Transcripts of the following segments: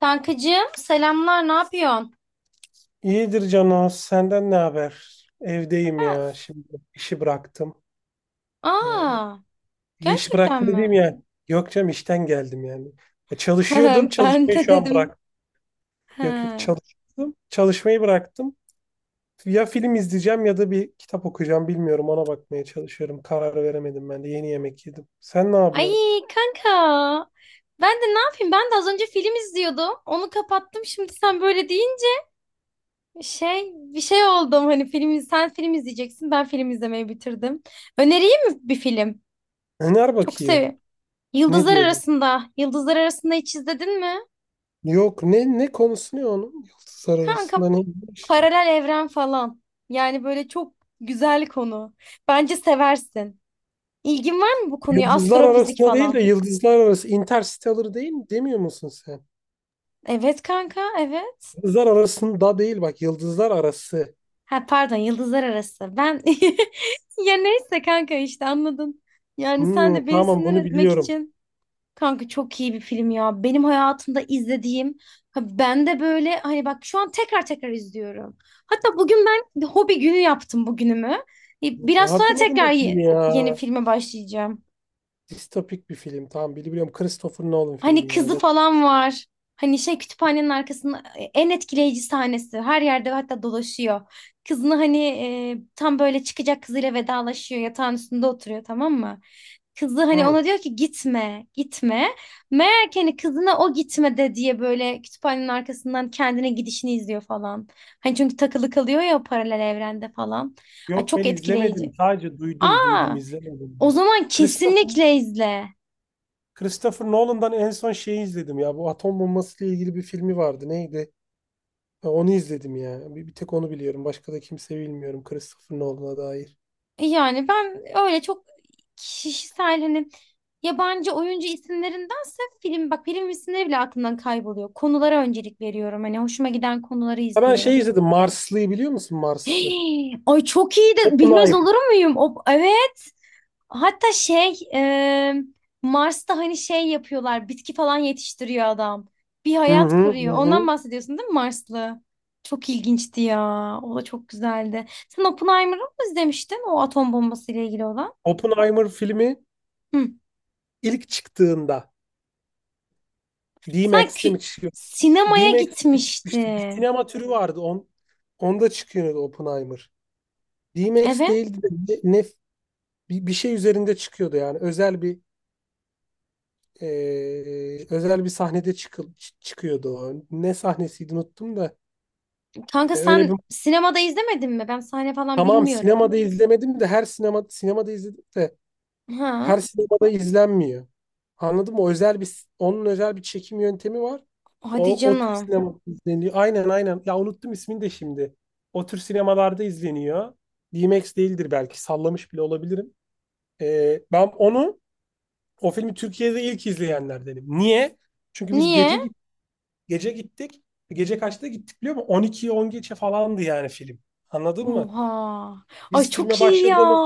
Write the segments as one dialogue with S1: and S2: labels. S1: Kankacığım, selamlar, ne yapıyorsun?
S2: İyidir Cano, senden ne haber? Evdeyim
S1: Ha.
S2: ya, şimdi işi bıraktım. Ee,
S1: Aa,
S2: işi
S1: gerçekten
S2: bıraktım dediğim
S1: mi?
S2: yani. Yok canım işten geldim yani. Çalışıyordum,
S1: Ben
S2: çalışmayı
S1: de
S2: şu an
S1: dedim.
S2: bıraktım.
S1: Ha.
S2: Yok yok çalışıyordum, çalışmayı bıraktım. Ya film izleyeceğim ya da bir kitap okuyacağım, bilmiyorum, ona bakmaya çalışıyorum. Karar veremedim, ben de yeni yemek yedim. Sen ne
S1: Ay
S2: yapıyorsun?
S1: kanka, ben de ne yapayım, ben de az önce film izliyordum, onu kapattım. Şimdi sen böyle deyince bir şey oldum. Hani sen film izleyeceksin, ben film izlemeyi bitirdim. Önereyim mi bir film?
S2: Öner
S1: Çok
S2: bakayım.
S1: seviyorum.
S2: Ne
S1: Yıldızlar
S2: diyordun?
S1: Arasında. Yıldızlar Arasında hiç izledin mi?
S2: Yok, ne konusu ne onun? Yıldızlar
S1: Kanka,
S2: arasında neymiş?
S1: paralel evren falan. Yani böyle çok güzel konu. Bence seversin. İlgin var mı bu konuya?
S2: Yıldızlar
S1: Astrofizik
S2: arasında değil
S1: falan.
S2: de yıldızlar arası. Interstellar değil mi? Demiyor musun sen?
S1: Evet kanka, evet.
S2: Yıldızlar arasında değil bak. Yıldızlar arası.
S1: Ha pardon, yıldızlar arası. Ben ya neyse kanka, işte anladın. Yani sen de
S2: Hmm,
S1: beni
S2: tamam,
S1: sinir
S2: bunu
S1: etmek
S2: biliyorum.
S1: için. Kanka, çok iyi bir film ya. Benim hayatımda izlediğim, ha ben de böyle, hani bak, şu an tekrar tekrar izliyorum. Hatta bugün ben bir hobi günü yaptım bugünümü. Biraz sonra
S2: Hatırladım
S1: tekrar
S2: bu filmi ya.
S1: yeni filme başlayacağım.
S2: Distopik bir film. Tamam, biliyorum. Christopher Nolan
S1: Hani
S2: filmi ya
S1: kızı
S2: zaten.
S1: falan var. Hani kütüphanenin arkasında en etkileyici sahnesi. Her yerde hatta dolaşıyor. Kızını hani tam böyle çıkacak, kızıyla vedalaşıyor. Yatağın üstünde oturuyor, tamam mı? Kızı hani
S2: Hmm.
S1: ona diyor ki gitme, gitme. Meğer ki hani kızına o gitme de diye böyle kütüphanenin arkasından kendine gidişini izliyor falan. Hani çünkü takılı kalıyor ya o paralel evrende falan. Ay,
S2: Yok,
S1: çok
S2: ben izlemedim.
S1: etkileyici.
S2: Sadece duydum. Duydum,
S1: Aa,
S2: izlemedim.
S1: o zaman
S2: Christopher,
S1: kesinlikle izle.
S2: Christopher Nolan'dan en son şeyi izledim ya. Bu atom bombası ile ilgili bir filmi vardı. Neydi? Ha, onu izledim ya. Bir tek onu biliyorum. Başka da kimse bilmiyorum Christopher Nolan'a dair.
S1: Yani ben öyle çok kişisel, hani yabancı oyuncu isimlerindense film, bak film isimleri bile aklımdan kayboluyor. Konulara öncelik veriyorum. Hani hoşuma giden konuları
S2: Ya ben şey
S1: izliyorum.
S2: izledim. Marslı'yı biliyor musun, Marslı?
S1: Hey, ay çok iyi, de bilmez
S2: Oppenheimer.
S1: olur muyum? O, evet. Hatta Mars'ta hani yapıyorlar. Bitki falan yetiştiriyor adam. Bir
S2: Hı
S1: hayat
S2: hı hı,
S1: kuruyor. Ondan
S2: hı.
S1: bahsediyorsun değil mi, Marslı? Çok ilginçti ya. O da çok güzeldi. Sen Oppenheimer'ı mı izlemiştin? O atom bombası ile ilgili olan.
S2: Oppenheimer filmi
S1: Hı.
S2: ilk çıktığında
S1: Sen
S2: D-Max'te mi çıkıyordu?
S1: sinemaya
S2: D-Max'te mi çıkmıştı? Bir
S1: gitmiştin.
S2: sinema türü vardı. Onda çıkıyordu Oppenheimer. D-Max
S1: Evet.
S2: değildi de ne, ne- bir şey üzerinde çıkıyordu yani. Özel bir, özel bir sahnede çıkıyordu o. Ne sahnesiydi unuttum da.
S1: Kanka
S2: Öyle bir,
S1: sen sinemada izlemedin mi? Ben sahne falan
S2: tamam,
S1: bilmiyorum.
S2: sinemada izlemedim de her sinema sinemada izledim de
S1: Ha?
S2: her sinemada izlenmiyor. Anladın mı? O özel bir, onun özel bir çekim yöntemi var.
S1: Hadi
S2: O tür
S1: canım.
S2: sinemada izleniyor. Aynen, aynen. Ya unuttum ismini de şimdi. O tür sinemalarda izleniyor. DMX değildir belki. Sallamış bile olabilirim. Ben onu, o filmi Türkiye'de ilk izleyenlerdenim. Niye? Çünkü biz
S1: Niye?
S2: gece gittik. Gece kaçta gittik biliyor musun? 12'ye 10 geçe falandı yani film. Anladın mı?
S1: Oha. Ay
S2: Biz
S1: çok
S2: filme
S1: iyi ya.
S2: başladığımız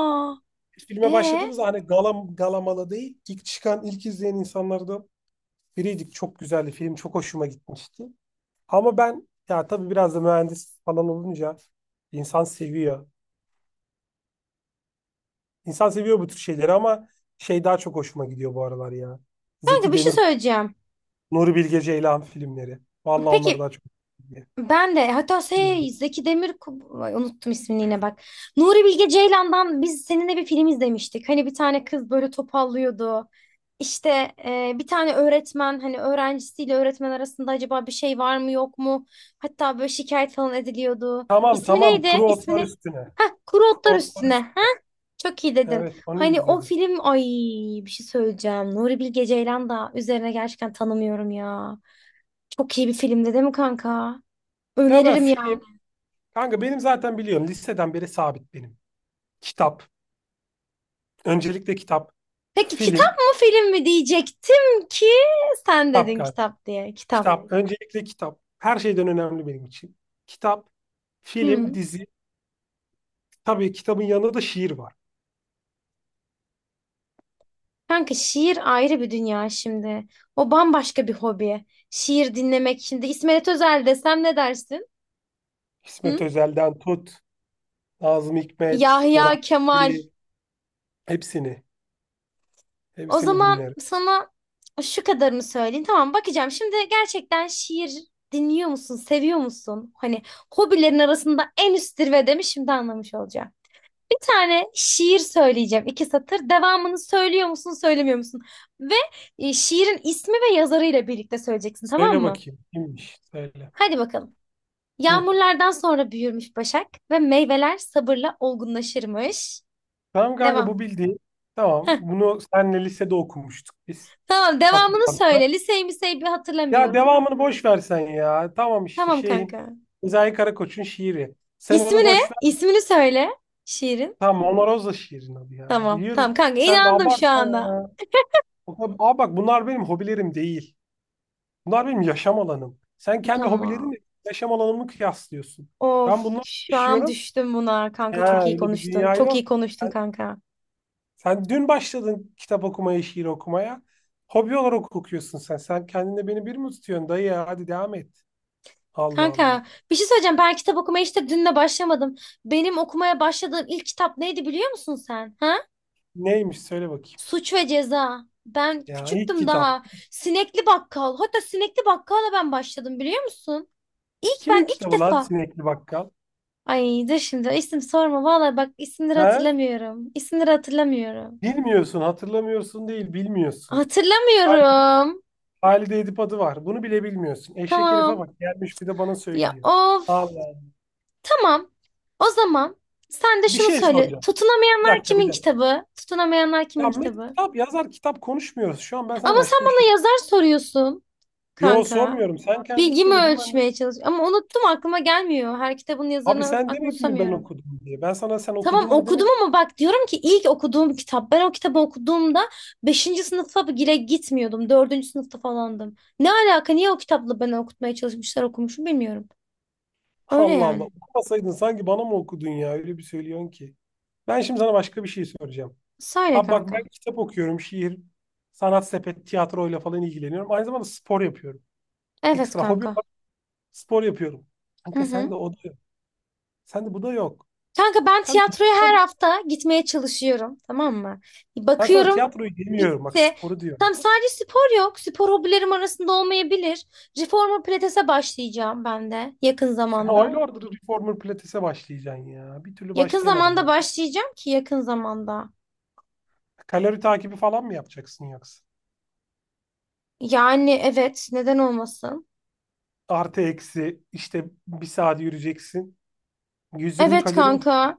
S2: filme
S1: Ee,
S2: başladığımızda, hani galam, galamalı değil, ilk çıkan, ilk izleyen insanlardan biriydik. Çok güzeldi film. Çok hoşuma gitmişti. Ama ben, ya tabii biraz da mühendis falan olunca insan seviyor. İnsan seviyor bu tür şeyleri ama şey daha çok hoşuma gidiyor bu aralar ya.
S1: Kanka,
S2: Zeki
S1: bir şey
S2: Demir,
S1: söyleyeceğim.
S2: Nuri Bilge Ceylan filmleri. Vallahi onlar
S1: Peki.
S2: daha çok hoşuma gidiyor.
S1: Ben de hatta
S2: Filmleri.
S1: Zeki Demir. Ay, unuttum ismini yine, bak. Nuri Bilge Ceylan'dan biz seninle bir film izlemiştik. Hani bir tane kız böyle topallıyordu. İşte bir tane öğretmen, hani öğrencisiyle öğretmen arasında acaba bir şey var mı yok mu? Hatta böyle şikayet falan ediliyordu.
S2: Tamam,
S1: İsmi
S2: tamam.
S1: neydi?
S2: Kuru
S1: İsmini.
S2: otlar üstüne.
S1: Heh, Kuru
S2: Kuru
S1: Otlar
S2: otlar
S1: Üstüne. Ha?
S2: üstüne.
S1: Çok iyi dedin.
S2: Evet, onu
S1: Hani o
S2: izledik.
S1: film, ay bir şey söyleyeceğim. Nuri Bilge Ceylan da üzerine gerçekten tanımıyorum ya. Çok iyi bir filmdi değil mi kanka?
S2: Ya ben
S1: Öneririm ya.
S2: film, kanka, benim zaten, biliyorum, liseden beri sabit benim. Kitap. Öncelikle kitap,
S1: Peki kitap
S2: film,
S1: mı film mi diyecektim ki sen
S2: kitap
S1: dedin
S2: galiba.
S1: kitap diye. Kitap.
S2: Kitap, öncelikle kitap. Her şeyden önemli benim için. Kitap, film,
S1: Hmm.
S2: dizi. Tabii kitabın yanında da şiir var.
S1: Kanka, şiir ayrı bir dünya şimdi. O bambaşka bir hobi. Şiir dinlemek şimdi. İsmet Özel desem ne dersin?
S2: İsmet
S1: Hı?
S2: Özel'den tut, Nazım Hikmet, Orhan
S1: Yahya Kemal.
S2: Veli, hepsini,
S1: O
S2: hepsini
S1: zaman
S2: dinlerim.
S1: sana şu kadarını söyleyeyim. Tamam, bakacağım. Şimdi gerçekten şiir dinliyor musun? Seviyor musun? Hani hobilerin arasında en üst zirvede mi? Şimdi anlamış olacağım. Bir tane şiir söyleyeceğim. İki satır. Devamını söylüyor musun, söylemiyor musun? Ve şiirin ismi ve yazarıyla birlikte söyleyeceksin, tamam
S2: Söyle
S1: mı?
S2: bakayım, kimmiş? Söyle.
S1: Hadi bakalım.
S2: Hı.
S1: Yağmurlardan sonra büyürmüş başak ve meyveler sabırla olgunlaşırmış.
S2: Tamam kanka, bu
S1: Devam.
S2: bildiğin. Tamam,
S1: Heh,
S2: bunu senle lisede okumuştuk biz.
S1: tamam, devamını
S2: Hatırlarsan.
S1: söyle. Liseyi miseyi bir
S2: Ya
S1: hatırlamıyorum.
S2: devamını boş versen ya. Tamam, işte
S1: Tamam
S2: şeyin,
S1: kanka.
S2: Sezai Karakoç'un şiiri. Sen
S1: İsmi
S2: onu
S1: ne?
S2: boş,
S1: İsmini söyle, şiirin.
S2: tamam, Mona Rosa şiirin adı ya.
S1: Tamam,
S2: Biliyoruz.
S1: tamam kanka,
S2: Sen de
S1: inandım şu
S2: abartma
S1: anda.
S2: ya. O kadar, aa, bak, bunlar benim hobilerim değil. Bunlar benim yaşam alanım. Sen kendi hobilerini
S1: Tamam.
S2: yaşam alanımı kıyaslıyorsun. Ben
S1: Of,
S2: bunları
S1: şu an
S2: yaşıyorum.
S1: düştüm buna, kanka
S2: Ya
S1: çok iyi
S2: öyle bir
S1: konuştun.
S2: dünya
S1: Çok iyi
S2: yok.
S1: konuştun
S2: Sen,
S1: kanka.
S2: sen dün başladın kitap okumaya, şiir okumaya. Hobi olarak okuyorsun sen. Sen kendine beni bir mi tutuyorsun dayı ya? Hadi devam et. Allah Allah.
S1: Kanka, bir şey söyleyeceğim, ben kitap okumaya işte dünle başlamadım. Benim okumaya başladığım ilk kitap neydi biliyor musun sen? Ha?
S2: Neymiş, söyle bakayım.
S1: Suç ve Ceza. Ben
S2: Ya, ilk
S1: küçüktüm
S2: kitap.
S1: daha. Sinekli Bakkal. Hatta Sinekli Bakkal'la ben başladım biliyor musun? İlk, ben
S2: Kimin
S1: ilk
S2: kitabı lan
S1: defa.
S2: Sinekli Bakkal?
S1: Ay dur, şimdi isim sorma. Vallahi bak, isimleri
S2: He?
S1: hatırlamıyorum. İsimleri hatırlamıyorum.
S2: Bilmiyorsun, hatırlamıyorsun değil, bilmiyorsun. Hal-
S1: Hatırlamıyorum.
S2: Halide Edip adı var. Bunu bile bilmiyorsun. Eşek herife
S1: Tamam.
S2: bak, gelmiş bir de bana
S1: Ya
S2: söylüyor.
S1: of.
S2: Allah.
S1: Tamam. O zaman sen de
S2: Bir
S1: şunu
S2: şey
S1: söyle.
S2: soracağım. Bir
S1: Tutunamayanlar
S2: dakika, bir
S1: kimin
S2: dakika.
S1: kitabı? Tutunamayanlar kimin
S2: Ya Met,
S1: kitabı?
S2: kitap yazar kitap konuşmuyoruz. Şu an ben sana
S1: Ama sen
S2: başka bir şey.
S1: bana yazar soruyorsun
S2: Yo,
S1: kanka.
S2: sormuyorum. Sen kendin
S1: Bilgimi
S2: söyledin, ben de.
S1: ölçmeye çalış. Ama unuttum, aklıma gelmiyor. Her kitabın
S2: Abi
S1: yazarını
S2: sen
S1: aklıma
S2: demedin mi ben
S1: tutamıyorum.
S2: okudum diye? Ben sana sen
S1: Tamam,
S2: okudun mu
S1: okudum
S2: demedim?
S1: ama bak diyorum ki ilk okuduğum kitap. Ben o kitabı okuduğumda beşinci sınıfa bile gitmiyordum. Dördüncü sınıfta falandım. Ne alaka? Niye o kitapla beni okutmaya çalışmışlar, okumuşum bilmiyorum. Öyle
S2: Allah Allah.
S1: yani.
S2: Okumasaydın sanki bana mı okudun ya? Öyle bir söylüyorsun ki. Ben şimdi sana başka bir şey soracağım.
S1: Söyle
S2: Ha bak, ben
S1: kanka.
S2: kitap okuyorum. Şiir, sanat sepet, tiyatroyla falan ilgileniyorum. Aynı zamanda spor yapıyorum.
S1: Evet
S2: Ekstra hobi,
S1: kanka.
S2: spor yapıyorum.
S1: Hı
S2: Kanka, sen de
S1: hı.
S2: o da yok. Sen de bu da yok.
S1: Kanka, ben
S2: Sen de
S1: tiyatroya
S2: spor...
S1: her hafta gitmeye çalışıyorum, tamam mı? Bir
S2: Ben sana
S1: bakıyorum
S2: tiyatroyu demiyorum. Bak,
S1: bitti.
S2: sporu diyorum.
S1: Tam sadece spor yok. Spor hobilerim arasında olmayabilir. Reformer pilatese başlayacağım ben de yakın
S2: Sen
S1: zamanda.
S2: aylardır reformer pilatese başlayacaksın ya. Bir türlü
S1: Yakın
S2: başlayamadın.
S1: zamanda
S2: Neden?
S1: başlayacağım ki yakın zamanda.
S2: Kalori takibi falan mı yapacaksın yoksa?
S1: Yani evet, neden olmasın?
S2: Artı eksi işte bir saat yürüyeceksin. 120
S1: Evet
S2: kalori mi?
S1: kanka.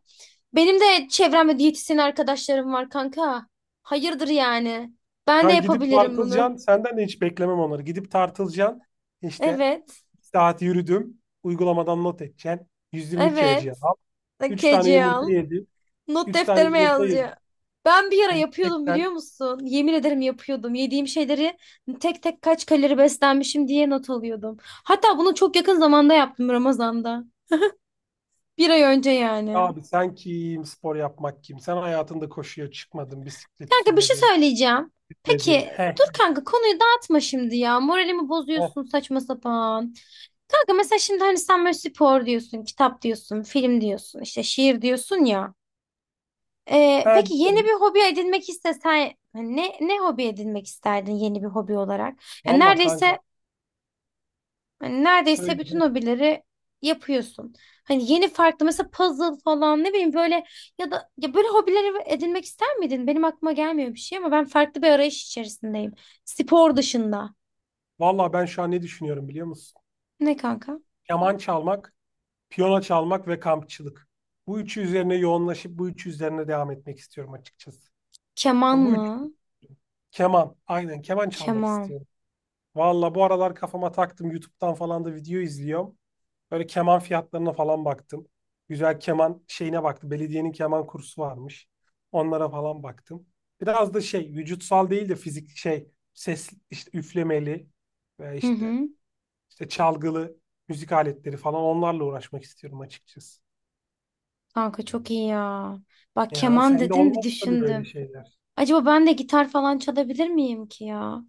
S1: Benim de çevremde diyetisyen arkadaşlarım var kanka. Hayırdır yani? Ben de
S2: Ya gidip
S1: yapabilirim bunu.
S2: tartılacaksın. Senden de hiç beklemem onları. Gidip tartılacaksın. İşte,
S1: Evet.
S2: bir saat yürüdüm. Uygulamadan not edeceksin. 120 kcal
S1: Evet.
S2: al. 3 tane
S1: Keci
S2: yumurta
S1: al.
S2: yedim.
S1: Not
S2: Üç tane
S1: defterime
S2: yumurta
S1: yazıyor.
S2: yedim.
S1: Ben bir ara yapıyordum
S2: 180.
S1: biliyor musun? Yemin ederim, yapıyordum. Yediğim şeyleri tek tek kaç kalori beslenmişim diye not alıyordum. Hatta bunu çok yakın zamanda yaptım, Ramazan'da. Bir ay önce yani.
S2: Abi sen kim? Spor yapmak kim? Sen hayatında koşuya çıkmadın, bisiklet
S1: Kanka, bir şey
S2: sürmedin,
S1: söyleyeceğim.
S2: gitmedin.
S1: Peki
S2: He
S1: dur
S2: he,
S1: kanka, konuyu dağıtma şimdi ya. Moralimi
S2: he,
S1: bozuyorsun saçma sapan. Kanka, mesela şimdi hani sen böyle spor diyorsun, kitap diyorsun, film diyorsun, işte şiir diyorsun ya. Peki yeni
S2: diyorum.
S1: bir hobi edinmek istesen hani ne hobi edinmek isterdin yeni bir hobi olarak? Yani
S2: Valla kanka,
S1: neredeyse, hani neredeyse bütün
S2: söyle.
S1: hobileri yapıyorsun. Hani yeni farklı mesela puzzle falan, ne bileyim, böyle ya da ya böyle hobileri edinmek ister miydin? Benim aklıma gelmiyor bir şey ama ben farklı bir arayış içerisindeyim. Spor dışında.
S2: Valla ben şu an ne düşünüyorum biliyor musun?
S1: Ne kanka?
S2: Keman çalmak, piyano çalmak ve kampçılık. Bu üçü üzerine yoğunlaşıp bu üçü üzerine devam etmek istiyorum açıkçası.
S1: Keman
S2: Yani bu üç,
S1: mı?
S2: keman. Aynen, keman çalmak
S1: Keman.
S2: istiyorum. Valla bu aralar kafama taktım. YouTube'dan falan da video izliyorum. Böyle keman fiyatlarına falan baktım. Güzel keman şeyine baktım. Belediyenin keman kursu varmış. Onlara falan baktım. Biraz da şey, vücutsal değil de fizik, şey, ses, işte üflemeli ve
S1: Hı
S2: işte
S1: hı.
S2: işte çalgılı müzik aletleri falan, onlarla uğraşmak istiyorum açıkçası.
S1: Kanka çok iyi ya. Bak
S2: Ya
S1: keman
S2: sende
S1: dedin, bir
S2: olmaz tabii böyle
S1: düşündüm.
S2: şeyler.
S1: Acaba ben de gitar falan çalabilir miyim ki ya?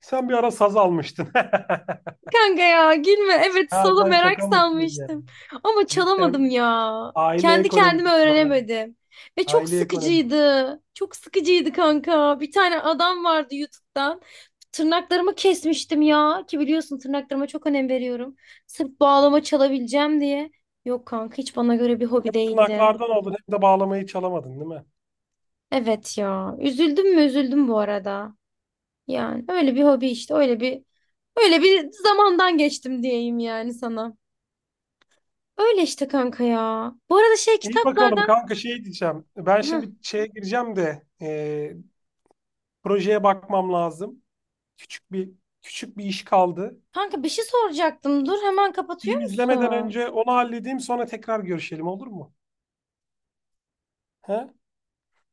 S2: Sen bir ara saz almıştın.
S1: Kanka, ya gülme. Evet,
S2: Ha,
S1: solo
S2: sen
S1: merak
S2: şaka mısın ya?
S1: salmıştım. Ama çalamadım
S2: Cidden
S1: ya.
S2: aile
S1: Kendi kendime
S2: ekonomisi var ha.
S1: öğrenemedim. Ve çok
S2: Aile ekonomisi.
S1: sıkıcıydı. Çok sıkıcıydı kanka. Bir tane adam vardı YouTube'dan. Tırnaklarımı kesmiştim ya. Ki biliyorsun, tırnaklarıma çok önem veriyorum. Sırf bağlama çalabileceğim diye. Yok kanka, hiç bana göre bir hobi değildi.
S2: Tırnaklardan oldun. Hem de bağlamayı çalamadın değil mi?
S1: Evet ya. Üzüldüm mü üzüldüm bu arada. Yani öyle bir hobi, işte öyle bir zamandan geçtim diyeyim yani sana. Öyle işte kanka ya. Bu arada
S2: İyi bakalım
S1: kitaplardan...
S2: kanka, şey diyeceğim. Ben
S1: Hı.
S2: şimdi şeye gireceğim de, projeye bakmam lazım. Küçük bir küçük bir iş kaldı.
S1: Kanka, bir şey soracaktım. Dur, hemen
S2: Film
S1: kapatıyor
S2: izlemeden
S1: musun?
S2: önce onu halledeyim, sonra tekrar görüşelim, olur mu? He?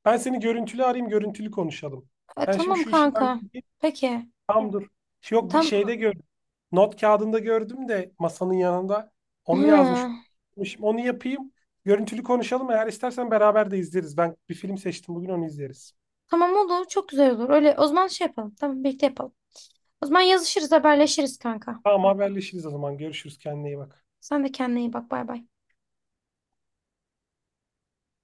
S2: Ben seni görüntülü arayayım, görüntülü konuşalım. Ben şimdi
S1: Tamam
S2: şu işi
S1: kanka.
S2: halledeyim.
S1: Peki.
S2: Tamam, dur. Yok, bir
S1: Tam...
S2: şeyde gördüm. Not kağıdında gördüm de, masanın yanında, onu yazmış.
S1: Hı.
S2: Onu yapayım. Görüntülü konuşalım. Eğer istersen beraber de izleriz. Ben bir film seçtim bugün, onu izleriz.
S1: Tamam, olur. Çok güzel olur. Öyle o zaman şey yapalım. Tamam, birlikte yapalım. O zaman yazışırız, haberleşiriz kanka.
S2: Tamam, haberleşiriz o zaman. Görüşürüz. Kendine iyi bak.
S1: Sen de kendine iyi bak. Bay bay.